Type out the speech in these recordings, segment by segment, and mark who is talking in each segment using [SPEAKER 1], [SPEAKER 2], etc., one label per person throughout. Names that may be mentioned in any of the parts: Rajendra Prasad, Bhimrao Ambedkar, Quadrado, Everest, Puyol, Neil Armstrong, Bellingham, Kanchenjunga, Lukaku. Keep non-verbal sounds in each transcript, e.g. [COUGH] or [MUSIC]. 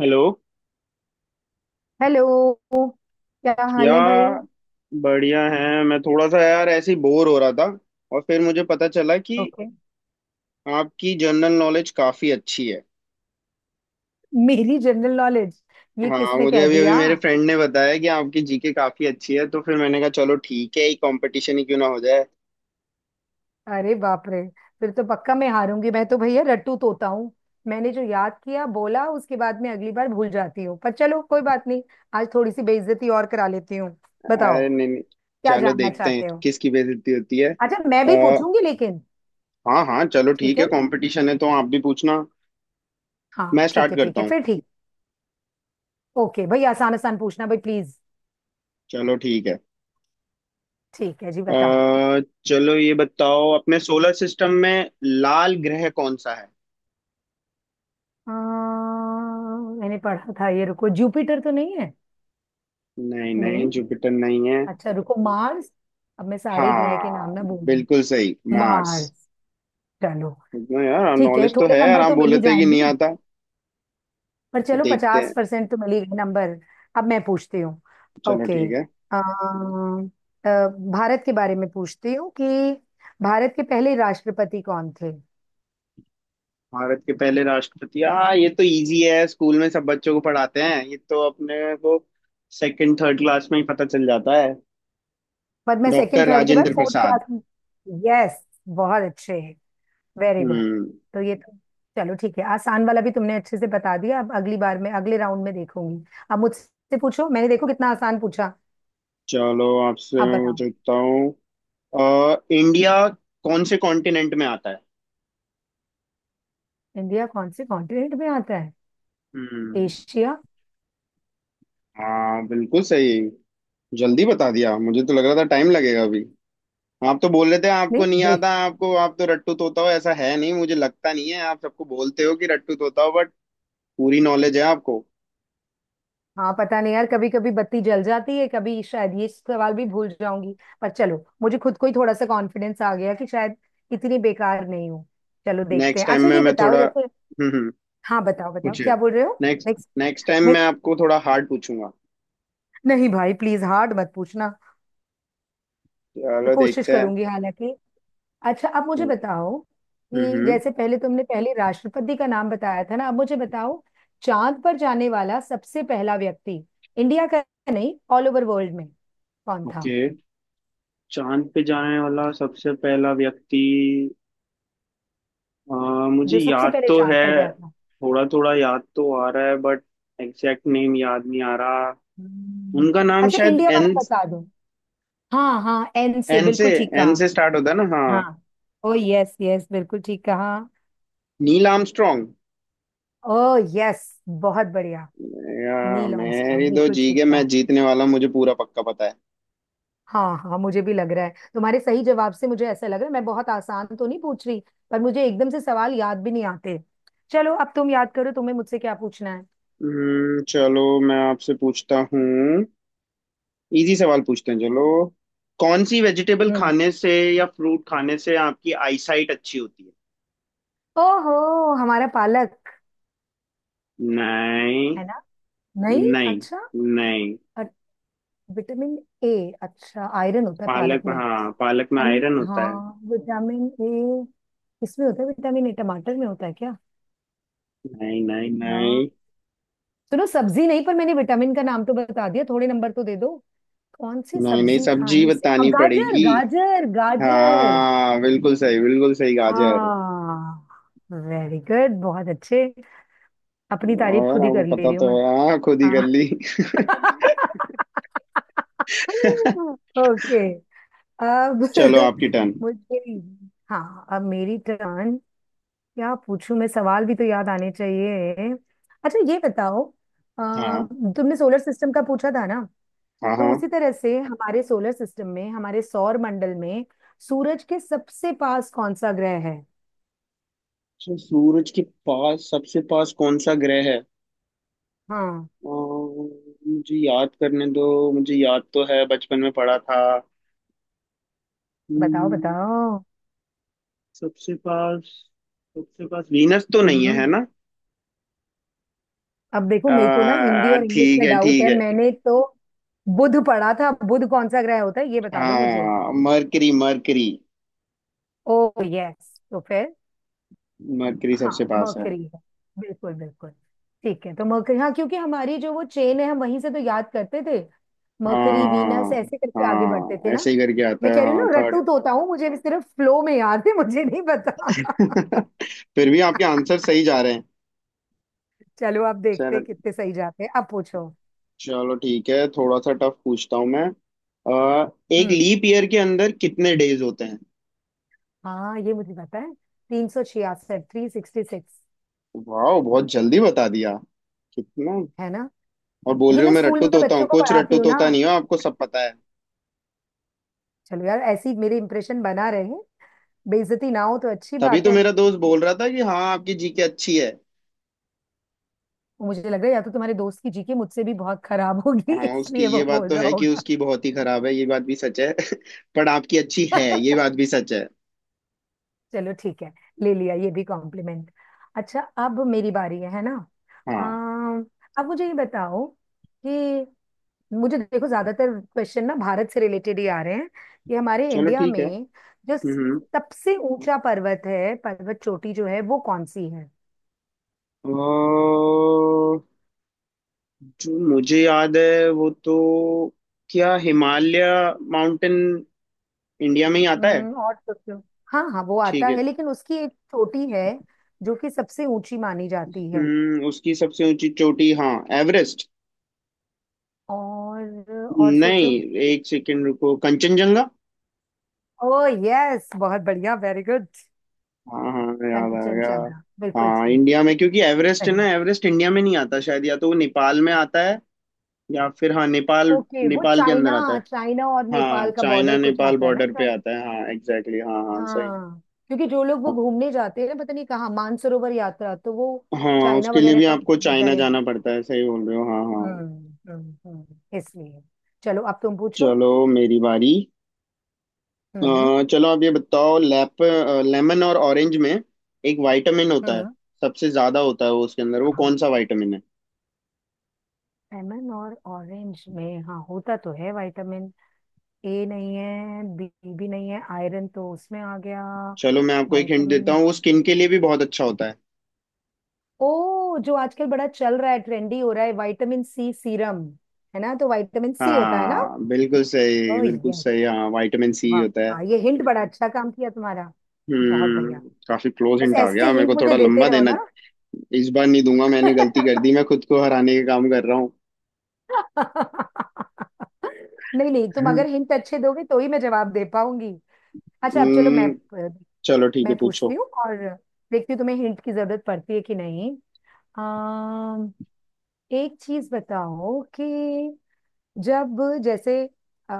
[SPEAKER 1] Hello.
[SPEAKER 2] Hello. क्या हाल है भाई।
[SPEAKER 1] यार, बढ़िया है। मैं थोड़ा सा, यार, ऐसे ही बोर हो रहा था, और फिर मुझे पता चला कि
[SPEAKER 2] ओके।
[SPEAKER 1] आपकी जनरल नॉलेज काफ़ी अच्छी है।
[SPEAKER 2] मेरी जनरल नॉलेज? ये
[SPEAKER 1] हाँ,
[SPEAKER 2] किसने
[SPEAKER 1] मुझे
[SPEAKER 2] कह
[SPEAKER 1] अभी अभी
[SPEAKER 2] दिया?
[SPEAKER 1] मेरे फ्रेंड ने बताया कि आपकी जीके काफ़ी अच्छी है, तो फिर मैंने कहा चलो ठीक है, ही कंपटीशन ही क्यों ना हो जाए।
[SPEAKER 2] अरे बाप रे! फिर तो पक्का मैं हारूंगी। मैं तो भैया रट्टू तोता हूँ। मैंने जो याद किया बोला, उसके बाद में अगली बार भूल जाती हूँ। पर चलो, कोई बात नहीं। आज थोड़ी सी बेइज्जती और करा लेती हूँ। बताओ,
[SPEAKER 1] अरे, नहीं नहीं।
[SPEAKER 2] क्या
[SPEAKER 1] चलो
[SPEAKER 2] जानना
[SPEAKER 1] देखते हैं
[SPEAKER 2] चाहते हो।
[SPEAKER 1] किसकी बेइज्जती होती है।
[SPEAKER 2] अच्छा, मैं भी
[SPEAKER 1] आ,
[SPEAKER 2] पूछूंगी लेकिन।
[SPEAKER 1] हाँ हाँ, चलो
[SPEAKER 2] ठीक
[SPEAKER 1] ठीक
[SPEAKER 2] है
[SPEAKER 1] है,
[SPEAKER 2] ना।
[SPEAKER 1] कंपटीशन है तो आप भी पूछना।
[SPEAKER 2] हाँ,
[SPEAKER 1] मैं
[SPEAKER 2] ठीक
[SPEAKER 1] स्टार्ट
[SPEAKER 2] है, ठीक
[SPEAKER 1] करता
[SPEAKER 2] है
[SPEAKER 1] हूँ।
[SPEAKER 2] फिर, ठीक। ओके भाई, आसान आसान पूछना भाई, प्लीज।
[SPEAKER 1] चलो ठीक है।
[SPEAKER 2] ठीक है जी, बताओ।
[SPEAKER 1] अ, चलो ये बताओ, अपने सोलर सिस्टम में लाल ग्रह कौन सा है?
[SPEAKER 2] अ, मैंने पढ़ा था, ये, रुको, जुपिटर तो नहीं है?
[SPEAKER 1] नहीं नहीं,
[SPEAKER 2] नहीं।
[SPEAKER 1] जुपिटर नहीं है।
[SPEAKER 2] अच्छा, रुको, मार्स। अब मैं सारे ग्रह के नाम
[SPEAKER 1] हाँ,
[SPEAKER 2] ना बोल दूँ।
[SPEAKER 1] बिल्कुल सही, मार्स।
[SPEAKER 2] मार्स। चलो
[SPEAKER 1] इतना यार
[SPEAKER 2] ठीक है,
[SPEAKER 1] नॉलेज तो
[SPEAKER 2] थोड़े
[SPEAKER 1] है, यार,
[SPEAKER 2] नंबर
[SPEAKER 1] आप
[SPEAKER 2] तो मिल
[SPEAKER 1] बोले
[SPEAKER 2] ही
[SPEAKER 1] थे कि नहीं
[SPEAKER 2] जाएंगे।
[SPEAKER 1] आता।
[SPEAKER 2] पर चलो,
[SPEAKER 1] देखते
[SPEAKER 2] पचास
[SPEAKER 1] हैं।
[SPEAKER 2] परसेंट तो मिल ही गए नंबर। अब मैं पूछती हूँ।
[SPEAKER 1] चलो
[SPEAKER 2] ओके।
[SPEAKER 1] ठीक है।
[SPEAKER 2] भारत के बारे में पूछती हूँ कि भारत के पहले राष्ट्रपति कौन थे?
[SPEAKER 1] भारत के पहले राष्ट्रपति, हाँ, ये तो इजी है, स्कूल में सब बच्चों को पढ़ाते हैं, ये तो अपने को सेकंड थर्ड क्लास में ही पता चल जाता है।
[SPEAKER 2] पर मैं सेकंड
[SPEAKER 1] डॉक्टर
[SPEAKER 2] थर्ड के बाद
[SPEAKER 1] राजेंद्र
[SPEAKER 2] फोर्थ
[SPEAKER 1] प्रसाद।
[SPEAKER 2] क्लास में। यस, बहुत अच्छे, वेरी गुड।
[SPEAKER 1] हम्म।
[SPEAKER 2] तो ये तो। चलो ठीक है, आसान वाला भी तुमने अच्छे से बता दिया। अब अगली बार में अगले राउंड में देखूंगी। अब मुझसे पूछो। मैंने देखो कितना आसान पूछा।
[SPEAKER 1] चलो, आपसे
[SPEAKER 2] अब
[SPEAKER 1] मैं
[SPEAKER 2] बताओ।
[SPEAKER 1] पूछता हूँ। इंडिया कौन से कॉन्टिनेंट में आता है?
[SPEAKER 2] इंडिया कौन से कॉन्टिनेंट में आता है?
[SPEAKER 1] हम्म।
[SPEAKER 2] एशिया।
[SPEAKER 1] हाँ, बिल्कुल सही। जल्दी बता दिया, मुझे तो लग रहा था टाइम लगेगा अभी। आप तो बोल रहे थे आपको
[SPEAKER 2] नहीं
[SPEAKER 1] नहीं
[SPEAKER 2] बे।
[SPEAKER 1] आता। आपको आप तो रट्टू तोता हो, ऐसा है नहीं, मुझे लगता नहीं है, आप सबको बोलते हो कि रट्टू तोता हो, बट पूरी नॉलेज है आपको।
[SPEAKER 2] हाँ, पता नहीं यार, कभी कभी बत्ती जल जाती है। कभी शायद ये सवाल भी भूल जाऊंगी। पर चलो, मुझे खुद को ही थोड़ा सा कॉन्फिडेंस आ गया कि शायद इतनी बेकार नहीं हूँ। चलो देखते
[SPEAKER 1] नेक्स्ट
[SPEAKER 2] हैं।
[SPEAKER 1] टाइम
[SPEAKER 2] अच्छा,
[SPEAKER 1] में
[SPEAKER 2] ये
[SPEAKER 1] मैं
[SPEAKER 2] बताओ,
[SPEAKER 1] थोड़ा
[SPEAKER 2] जैसे। हाँ, बताओ बताओ,
[SPEAKER 1] पूछिए।
[SPEAKER 2] क्या बोल रहे हो।
[SPEAKER 1] नेक्स्ट।
[SPEAKER 2] नेक्स्ट।
[SPEAKER 1] नेक्स्ट टाइम मैं
[SPEAKER 2] नेक्स्ट।
[SPEAKER 1] आपको थोड़ा हार्ड पूछूंगा।
[SPEAKER 2] नहीं भाई, प्लीज हार्ड मत पूछना। मैं
[SPEAKER 1] चलो
[SPEAKER 2] कोशिश
[SPEAKER 1] देखते हैं।
[SPEAKER 2] करूंगी हालांकि। अच्छा, अब मुझे
[SPEAKER 1] हम्म,
[SPEAKER 2] बताओ कि
[SPEAKER 1] हम्म।
[SPEAKER 2] जैसे पहले तुमने पहले राष्ट्रपति का नाम बताया था ना, अब मुझे बताओ। चांद पर जाने वाला सबसे पहला व्यक्ति, इंडिया का नहीं, ऑल ओवर वर्ल्ड में, कौन था?
[SPEAKER 1] ओके। चांद पे जाने वाला सबसे पहला व्यक्ति? अ, मुझे
[SPEAKER 2] जो सबसे
[SPEAKER 1] याद
[SPEAKER 2] पहले
[SPEAKER 1] तो
[SPEAKER 2] चांद
[SPEAKER 1] है।
[SPEAKER 2] पर गया था।
[SPEAKER 1] थोड़ा थोड़ा याद तो आ रहा है, बट एग्जैक्ट नेम याद नहीं आ रहा।
[SPEAKER 2] हम्म।
[SPEAKER 1] उनका नाम
[SPEAKER 2] अच्छा,
[SPEAKER 1] शायद
[SPEAKER 2] इंडिया
[SPEAKER 1] एन।
[SPEAKER 2] वाला बता दो। हाँ हाँ, एन से,
[SPEAKER 1] एन से,
[SPEAKER 2] बिल्कुल ठीक
[SPEAKER 1] एन
[SPEAKER 2] कहा।
[SPEAKER 1] से स्टार्ट होता है ना? हाँ।
[SPEAKER 2] हाँ। ओ यस यस, बिल्कुल ठीक कहा।
[SPEAKER 1] Neil Armstrong.
[SPEAKER 2] ओ यस, बहुत बढ़िया। नील आर्मस्ट्रॉन्ग,
[SPEAKER 1] मेरी दो
[SPEAKER 2] बिल्कुल
[SPEAKER 1] जी
[SPEAKER 2] ठीक।
[SPEAKER 1] के, मैं जीतने वाला, मुझे पूरा पक्का पता है।
[SPEAKER 2] हाँ हाँ, मुझे भी लग रहा है। तुम्हारे सही जवाब से मुझे ऐसा लग रहा है, मैं बहुत आसान तो नहीं पूछ रही। पर मुझे एकदम से सवाल याद भी नहीं आते। चलो, अब तुम याद करो तुम्हें मुझसे क्या पूछना है।
[SPEAKER 1] चलो, मैं आपसे पूछता हूँ। इजी सवाल पूछते हैं, चलो। कौन सी वेजिटेबल
[SPEAKER 2] हम्म।
[SPEAKER 1] खाने से या फ्रूट खाने से आपकी आईसाइट अच्छी होती है?
[SPEAKER 2] ओहो, हमारा पालक,
[SPEAKER 1] नहीं
[SPEAKER 2] है ना? नहीं।
[SPEAKER 1] नहीं
[SPEAKER 2] अच्छा।
[SPEAKER 1] नहीं।
[SPEAKER 2] अ- विटामिन ए। अच्छा, आयरन होता है पालक
[SPEAKER 1] पालक,
[SPEAKER 2] में।
[SPEAKER 1] हाँ, पालक में
[SPEAKER 2] विटामिन।
[SPEAKER 1] आयरन होता है।
[SPEAKER 2] हाँ, विटामिन ए किसमें होता है? विटामिन ए टमाटर में होता है क्या?
[SPEAKER 1] नहीं नहीं
[SPEAKER 2] यार,
[SPEAKER 1] नहीं।
[SPEAKER 2] सुनो, सब्जी नहीं, पर मैंने विटामिन का नाम तो बता दिया, थोड़े नंबर तो दे दो। कौन सी
[SPEAKER 1] नहीं नहीं,
[SPEAKER 2] सब्जी
[SPEAKER 1] सब्जी
[SPEAKER 2] खाने से,
[SPEAKER 1] बतानी
[SPEAKER 2] गाजर
[SPEAKER 1] पड़ेगी।
[SPEAKER 2] गाजर गाजर।
[SPEAKER 1] हाँ, बिल्कुल सही बिल्कुल सही, गाजर।
[SPEAKER 2] हाँ। वेरी गुड, बहुत अच्छे। अपनी तारीफ
[SPEAKER 1] और
[SPEAKER 2] खुद ही
[SPEAKER 1] आपको
[SPEAKER 2] कर ले
[SPEAKER 1] पता
[SPEAKER 2] रही हूँ
[SPEAKER 1] तो
[SPEAKER 2] मैं।
[SPEAKER 1] है, हाँ, खुद ही कर
[SPEAKER 2] हाँ।
[SPEAKER 1] ली। [LAUGHS]
[SPEAKER 2] [LAUGHS] ओके। अब
[SPEAKER 1] चलो,
[SPEAKER 2] [LAUGHS]
[SPEAKER 1] आपकी टर्न।
[SPEAKER 2] मुझे। हाँ, अब मेरी टर्न। क्या पूछूं? मैं सवाल भी तो याद आने चाहिए। अच्छा, ये बताओ। अ,
[SPEAKER 1] हाँ
[SPEAKER 2] तुमने सोलर सिस्टम का पूछा था ना।
[SPEAKER 1] हाँ
[SPEAKER 2] तो
[SPEAKER 1] हाँ।
[SPEAKER 2] उसी तरह से हमारे सोलर सिस्टम में, हमारे सौर मंडल में, सूरज के सबसे पास कौन सा ग्रह है?
[SPEAKER 1] So, सूरज के पास सबसे पास कौन सा ग्रह है?
[SPEAKER 2] हाँ,
[SPEAKER 1] अम्म, मुझे याद करने दो। मुझे याद तो है, बचपन में पढ़ा था।
[SPEAKER 2] बताओ
[SPEAKER 1] हम्म,
[SPEAKER 2] बताओ।
[SPEAKER 1] सबसे पास सबसे पास वीनस तो नहीं है, है
[SPEAKER 2] हम्म।
[SPEAKER 1] ना?
[SPEAKER 2] अब देखो, मेरे को ना हिंदी और इंग्लिश
[SPEAKER 1] ठीक
[SPEAKER 2] में
[SPEAKER 1] है
[SPEAKER 2] डाउट
[SPEAKER 1] ठीक
[SPEAKER 2] है।
[SPEAKER 1] है।
[SPEAKER 2] मैंने तो बुध पढ़ा था। बुध कौन सा ग्रह होता है ये बता दो मुझे।
[SPEAKER 1] हाँ, मरकरी मरकरी।
[SPEAKER 2] ओ यस, तो फिर।
[SPEAKER 1] मरकरी सबसे
[SPEAKER 2] हाँ,
[SPEAKER 1] पास है।
[SPEAKER 2] मर्करी है, बिल्कुल बिल्कुल। ठीक है, तो मर्करी। हाँ, क्योंकि हमारी जो वो चेन है, हम वहीं से तो याद करते थे। मर्करी, वीनस,
[SPEAKER 1] हाँ
[SPEAKER 2] ऐसे करके आगे बढ़ते थे
[SPEAKER 1] हाँ,
[SPEAKER 2] ना।
[SPEAKER 1] ऐसे ही करके आता
[SPEAKER 2] मैं
[SPEAKER 1] है।
[SPEAKER 2] कह रही हूँ
[SPEAKER 1] हाँ,
[SPEAKER 2] ना,
[SPEAKER 1] थर्ड।
[SPEAKER 2] रट्टू तोता हूँ। मुझे भी सिर्फ फ्लो में याद है, मुझे नहीं पता। [LAUGHS]
[SPEAKER 1] [LAUGHS] फिर भी आपके आंसर सही जा रहे हैं।
[SPEAKER 2] चलो, आप देखते
[SPEAKER 1] चलो।
[SPEAKER 2] हैं कितने सही जाते हैं। अब पूछो।
[SPEAKER 1] चलो ठीक है, थोड़ा सा टफ पूछता हूँ मैं। एक
[SPEAKER 2] हम्म।
[SPEAKER 1] लीप ईयर के अंदर कितने डेज होते हैं?
[SPEAKER 2] हाँ, ये मुझे पता है। 366, 366।
[SPEAKER 1] वाह, बहुत जल्दी बता दिया। कितना?
[SPEAKER 2] है ना?
[SPEAKER 1] और बोल
[SPEAKER 2] ये
[SPEAKER 1] रहे हो
[SPEAKER 2] मैं
[SPEAKER 1] मैं
[SPEAKER 2] स्कूल
[SPEAKER 1] रट्टू
[SPEAKER 2] में
[SPEAKER 1] तोता हूँ,
[SPEAKER 2] बच्चों को
[SPEAKER 1] कुछ
[SPEAKER 2] पढ़ाती
[SPEAKER 1] रट्टू
[SPEAKER 2] हूँ ना।
[SPEAKER 1] तोता नहीं हो, आपको सब पता है।
[SPEAKER 2] चलो यार, ऐसी मेरे इंप्रेशन बना रहे। बेइज्जती ना हो तो अच्छी
[SPEAKER 1] तभी
[SPEAKER 2] बात
[SPEAKER 1] तो
[SPEAKER 2] है।
[SPEAKER 1] मेरा दोस्त बोल रहा था कि हाँ, आपकी जीके अच्छी है।
[SPEAKER 2] वो मुझे लग रहा है, या तो तुम्हारे दोस्त की जीके मुझसे भी बहुत खराब होगी [LAUGHS]
[SPEAKER 1] हाँ, उसकी
[SPEAKER 2] इसलिए
[SPEAKER 1] ये
[SPEAKER 2] वो
[SPEAKER 1] बात
[SPEAKER 2] बोल
[SPEAKER 1] तो
[SPEAKER 2] रहा
[SPEAKER 1] है कि
[SPEAKER 2] होगा।
[SPEAKER 1] उसकी बहुत ही खराब है ये बात भी सच है, [LAUGHS] पर आपकी अच्छी है ये बात भी
[SPEAKER 2] [LAUGHS]
[SPEAKER 1] सच है।
[SPEAKER 2] चलो ठीक है, ले लिया ये भी कॉम्प्लीमेंट। अच्छा। अब मेरी बारी है ना?
[SPEAKER 1] हाँ,
[SPEAKER 2] अम, अब मुझे ये बताओ कि मुझे देखो ज्यादातर क्वेश्चन ना भारत से रिलेटेड ही आ रहे हैं, कि हमारे
[SPEAKER 1] चलो
[SPEAKER 2] इंडिया
[SPEAKER 1] ठीक है।
[SPEAKER 2] में जो
[SPEAKER 1] हम्म
[SPEAKER 2] सबसे ऊंचा पर्वत है, पर्वत चोटी जो है वो कौन सी है?
[SPEAKER 1] अ, जो मुझे याद है वो तो, क्या हिमालय माउंटेन इंडिया में ही आता है?
[SPEAKER 2] हम्म, और सोचो। हाँ हाँ, वो आता
[SPEAKER 1] ठीक है।
[SPEAKER 2] है, लेकिन उसकी एक चोटी है जो कि सबसे ऊंची मानी जाती है।
[SPEAKER 1] उसकी सबसे ऊंची चोटी, हाँ, एवरेस्ट?
[SPEAKER 2] और
[SPEAKER 1] नहीं,
[SPEAKER 2] सोचो।
[SPEAKER 1] एक सेकेंड रुको, कंचनजंगा।
[SPEAKER 2] ओ यस, बहुत बढ़िया, वेरी गुड।
[SPEAKER 1] हाँ हाँ, याद आ
[SPEAKER 2] कंचन
[SPEAKER 1] गया।
[SPEAKER 2] चांगा, बिल्कुल
[SPEAKER 1] हाँ,
[SPEAKER 2] ठीक।
[SPEAKER 1] इंडिया में, क्योंकि एवरेस्ट है ना,
[SPEAKER 2] सही।
[SPEAKER 1] एवरेस्ट इंडिया में नहीं आता शायद, या तो वो नेपाल में आता है, या फिर, हाँ, नेपाल,
[SPEAKER 2] ओके, वो
[SPEAKER 1] नेपाल के अंदर
[SPEAKER 2] चाइना।
[SPEAKER 1] आता है।
[SPEAKER 2] चाइना और
[SPEAKER 1] हाँ,
[SPEAKER 2] नेपाल का
[SPEAKER 1] चाइना
[SPEAKER 2] बॉर्डर कुछ
[SPEAKER 1] नेपाल
[SPEAKER 2] आता है ना
[SPEAKER 1] बॉर्डर पे
[SPEAKER 2] शायद।
[SPEAKER 1] आता है, हाँ, एग्जैक्टली exactly, हाँ हाँ, सही।
[SPEAKER 2] हाँ, क्योंकि जो लोग वो
[SPEAKER 1] अब-
[SPEAKER 2] घूमने जाते हैं ना, पता नहीं कहाँ, मानसरोवर यात्रा, तो वो
[SPEAKER 1] हाँ,
[SPEAKER 2] चाइना
[SPEAKER 1] उसके लिए
[SPEAKER 2] वगैरह
[SPEAKER 1] भी
[SPEAKER 2] का
[SPEAKER 1] आपको
[SPEAKER 2] उनको वीजा
[SPEAKER 1] चाइना
[SPEAKER 2] लेना।
[SPEAKER 1] जाना पड़ता है, सही बोल रहे हो, हाँ हाँ।
[SPEAKER 2] हम्म, इसलिए। चलो, अब तुम पूछो।
[SPEAKER 1] चलो, मेरी बारी। अ,
[SPEAKER 2] हम्म।
[SPEAKER 1] चलो, आप ये बताओ, लैप लेमन और ऑरेंज में एक विटामिन होता है,
[SPEAKER 2] हम्म।
[SPEAKER 1] सबसे ज्यादा होता है वो उसके अंदर, वो
[SPEAKER 2] हाँ,
[SPEAKER 1] कौन सा विटामिन है?
[SPEAKER 2] लेमन और ऑरेंज में, हाँ होता तो है विटामिन। ए नहीं है, बी भी नहीं है, आयरन तो उसमें आ गया।
[SPEAKER 1] चलो, मैं आपको एक हिंट देता
[SPEAKER 2] विटामिन।
[SPEAKER 1] हूँ, वो स्किन के लिए भी बहुत अच्छा होता है।
[SPEAKER 2] ओ, जो आजकल बड़ा चल रहा है, ट्रेंडी हो रहा है, विटामिन सी सीरम, है ना? तो विटामिन सी होता है ना।
[SPEAKER 1] हाँ, बिल्कुल
[SPEAKER 2] ओ
[SPEAKER 1] सही बिल्कुल
[SPEAKER 2] यस।
[SPEAKER 1] सही, हाँ, विटामिन सी होता है।
[SPEAKER 2] वाह, ये हिंट बड़ा अच्छा काम किया तुम्हारा। बहुत
[SPEAKER 1] हम्म।
[SPEAKER 2] बढ़िया।
[SPEAKER 1] काफी क्लोज
[SPEAKER 2] बस
[SPEAKER 1] हिंट आ
[SPEAKER 2] ऐसे
[SPEAKER 1] गया मेरे
[SPEAKER 2] हिंट
[SPEAKER 1] को,
[SPEAKER 2] मुझे
[SPEAKER 1] थोड़ा
[SPEAKER 2] देते
[SPEAKER 1] लंबा
[SPEAKER 2] रहो
[SPEAKER 1] देना।
[SPEAKER 2] ना।
[SPEAKER 1] इस बार नहीं दूंगा, मैंने गलती कर दी, मैं
[SPEAKER 2] [LAUGHS]
[SPEAKER 1] खुद को हराने का काम कर रहा हूँ।
[SPEAKER 2] नहीं नहीं, तुम अगर हिंट अच्छे दोगे तो ही मैं जवाब दे पाऊंगी। अच्छा, अब चलो, मैं
[SPEAKER 1] हम्म चलो ठीक
[SPEAKER 2] मैं
[SPEAKER 1] है,
[SPEAKER 2] पूछती
[SPEAKER 1] पूछो।
[SPEAKER 2] हूँ और देखती हूँ तुम्हें हिंट की जरूरत पड़ती है कि नहीं। अम, एक चीज बताओ कि, जब, जैसे, अ,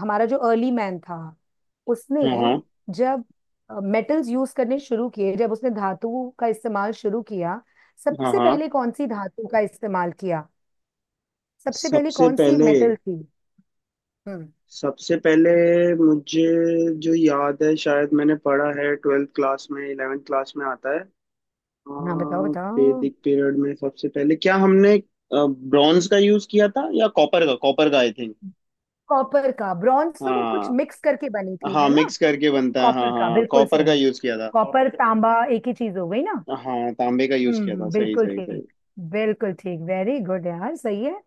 [SPEAKER 2] हमारा जो अर्ली मैन था, उसने
[SPEAKER 1] हाँ हाँ
[SPEAKER 2] जब मेटल्स यूज करने शुरू किए, जब उसने धातु का इस्तेमाल शुरू किया,
[SPEAKER 1] हाँ
[SPEAKER 2] सबसे
[SPEAKER 1] हाँ।
[SPEAKER 2] पहले कौन सी धातु का इस्तेमाल किया? सबसे पहले
[SPEAKER 1] सबसे
[SPEAKER 2] कौन सी
[SPEAKER 1] पहले
[SPEAKER 2] मेटल थी? हम्म।
[SPEAKER 1] सबसे पहले मुझे जो याद है, शायद मैंने पढ़ा है ट्वेल्थ क्लास में, इलेवेंथ क्लास में आता है। अ,
[SPEAKER 2] हाँ, बताओ बताओ।
[SPEAKER 1] वैदिक पीरियड में सबसे पहले क्या हमने ब्रॉन्ज का यूज किया था या कॉपर का आई थिंक।
[SPEAKER 2] कॉपर का। ब्रॉन्ज तो वो कुछ
[SPEAKER 1] हाँ
[SPEAKER 2] मिक्स करके बनी थी,
[SPEAKER 1] हाँ,
[SPEAKER 2] है ना?
[SPEAKER 1] मिक्स करके बनता है, हाँ
[SPEAKER 2] कॉपर का,
[SPEAKER 1] हाँ,
[SPEAKER 2] बिल्कुल
[SPEAKER 1] कॉपर का
[SPEAKER 2] सही।
[SPEAKER 1] यूज किया था।
[SPEAKER 2] कॉपर तांबा एक ही चीज हो गई ना।
[SPEAKER 1] हाँ, तांबे का यूज किया था,
[SPEAKER 2] हम्म,
[SPEAKER 1] सही
[SPEAKER 2] बिल्कुल
[SPEAKER 1] सही
[SPEAKER 2] ठीक।
[SPEAKER 1] सही।
[SPEAKER 2] बिल्कुल ठीक, वेरी गुड यार, सही है।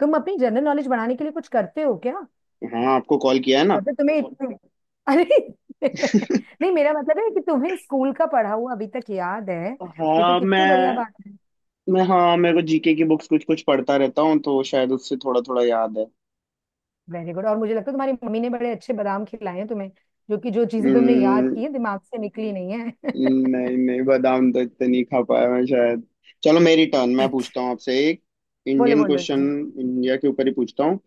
[SPEAKER 2] तुम अपनी जनरल नॉलेज बढ़ाने के लिए कुछ करते हो क्या?
[SPEAKER 1] हाँ, आपको कॉल किया है ना।
[SPEAKER 2] मतलब तुम्हें इतने, अरे, [LAUGHS] नहीं, मेरा मतलब है कि तुम्हें स्कूल का पढ़ा हुआ अभी तक याद है। ये तो
[SPEAKER 1] हाँ, मैं
[SPEAKER 2] कितनी बढ़िया बात है।
[SPEAKER 1] मैं हाँ, मेरे को जीके की बुक्स कुछ कुछ पढ़ता रहता हूँ, तो शायद उससे थोड़ा थोड़ा याद है।
[SPEAKER 2] वेरी गुड, और मुझे लगता है तुम्हारी मम्मी ने बड़े अच्छे बादाम खिलाए हैं तुम्हें, जो कि जो चीजें तुमने याद
[SPEAKER 1] हम्म,
[SPEAKER 2] की है दिमाग से निकली नहीं है। [LAUGHS]
[SPEAKER 1] नहीं नहीं, बादाम तो इतने नहीं खा पाया मैं शायद। चलो, मेरी टर्न, मैं
[SPEAKER 2] अच्छा।
[SPEAKER 1] पूछता हूँ आपसे एक
[SPEAKER 2] बोलो
[SPEAKER 1] इंडियन
[SPEAKER 2] बोलो
[SPEAKER 1] क्वेश्चन।
[SPEAKER 2] जी।
[SPEAKER 1] इंडिया के ऊपर ही पूछता हूँ।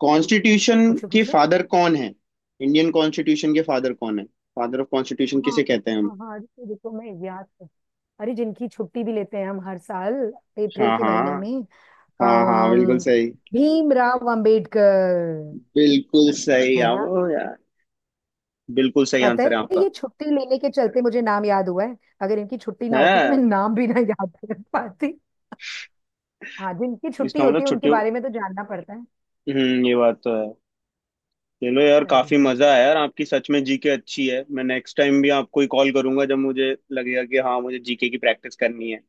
[SPEAKER 1] कॉन्स्टिट्यूशन
[SPEAKER 2] पूछो
[SPEAKER 1] के
[SPEAKER 2] पूछो।
[SPEAKER 1] फादर कौन है? इंडियन कॉन्स्टिट्यूशन के फादर कौन है? फादर ऑफ कॉन्स्टिट्यूशन
[SPEAKER 2] हाँ
[SPEAKER 1] किसे कहते हैं हम?
[SPEAKER 2] हाँ, हाँ, रुको रुको, अरे, जिनकी छुट्टी भी लेते हैं हम हर साल, अप्रैल
[SPEAKER 1] हाँ
[SPEAKER 2] के महीने
[SPEAKER 1] हाँ
[SPEAKER 2] में।
[SPEAKER 1] हाँ हाँ, बिल्कुल
[SPEAKER 2] अम्म,
[SPEAKER 1] सही
[SPEAKER 2] भीमराव अंबेडकर।
[SPEAKER 1] बिल्कुल सही,
[SPEAKER 2] है
[SPEAKER 1] आप
[SPEAKER 2] ना?
[SPEAKER 1] बिल्कुल सही
[SPEAKER 2] पता
[SPEAKER 1] आंसर है
[SPEAKER 2] है,
[SPEAKER 1] आपका।
[SPEAKER 2] ये छुट्टी लेने के चलते मुझे नाम याद हुआ है। अगर इनकी छुट्टी ना होती तो मैं
[SPEAKER 1] है।
[SPEAKER 2] नाम भी ना याद कर पाती। हाँ, जिनकी छुट्टी
[SPEAKER 1] इसका
[SPEAKER 2] होती
[SPEAKER 1] मतलब
[SPEAKER 2] है उनके
[SPEAKER 1] छुट्टियों।
[SPEAKER 2] बारे में तो जानना पड़ता है।
[SPEAKER 1] ये बात तो है। चलो यार,
[SPEAKER 2] सही
[SPEAKER 1] काफी
[SPEAKER 2] में।
[SPEAKER 1] मजा आया, यार, आपकी सच में जीके अच्छी है, मैं नेक्स्ट टाइम भी आपको ही कॉल करूंगा जब मुझे लगेगा कि हाँ, मुझे जीके की प्रैक्टिस करनी है।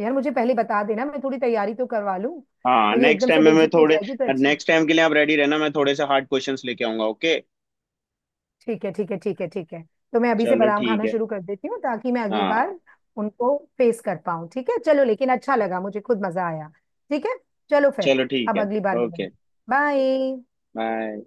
[SPEAKER 2] यार मुझे पहले बता देना, मैं थोड़ी तैयारी तो करवा लूं।
[SPEAKER 1] हाँ,
[SPEAKER 2] कहीं
[SPEAKER 1] नेक्स्ट
[SPEAKER 2] एकदम
[SPEAKER 1] टाइम
[SPEAKER 2] से
[SPEAKER 1] में मैं
[SPEAKER 2] बेइज्जती हो
[SPEAKER 1] थोड़े
[SPEAKER 2] जाएगी तो अच्छी।
[SPEAKER 1] नेक्स्ट टाइम के लिए आप रेडी रहना, मैं थोड़े से हार्ड क्वेश्चंस लेके आऊंगा, ओके?
[SPEAKER 2] ठीक है, ठीक है, ठीक है, ठीक है। तो मैं अभी से
[SPEAKER 1] चलो
[SPEAKER 2] बादाम
[SPEAKER 1] ठीक
[SPEAKER 2] खाना
[SPEAKER 1] है।
[SPEAKER 2] शुरू कर देती हूँ ताकि मैं अगली
[SPEAKER 1] हाँ,
[SPEAKER 2] बार उनको फेस कर पाऊँ। ठीक है चलो, लेकिन अच्छा लगा, मुझे खुद मजा आया। ठीक है। चलो फिर।
[SPEAKER 1] चलो ठीक
[SPEAKER 2] अब
[SPEAKER 1] है।
[SPEAKER 2] अगली बार मिलेंगे।
[SPEAKER 1] Okay,
[SPEAKER 2] bye.
[SPEAKER 1] बाय।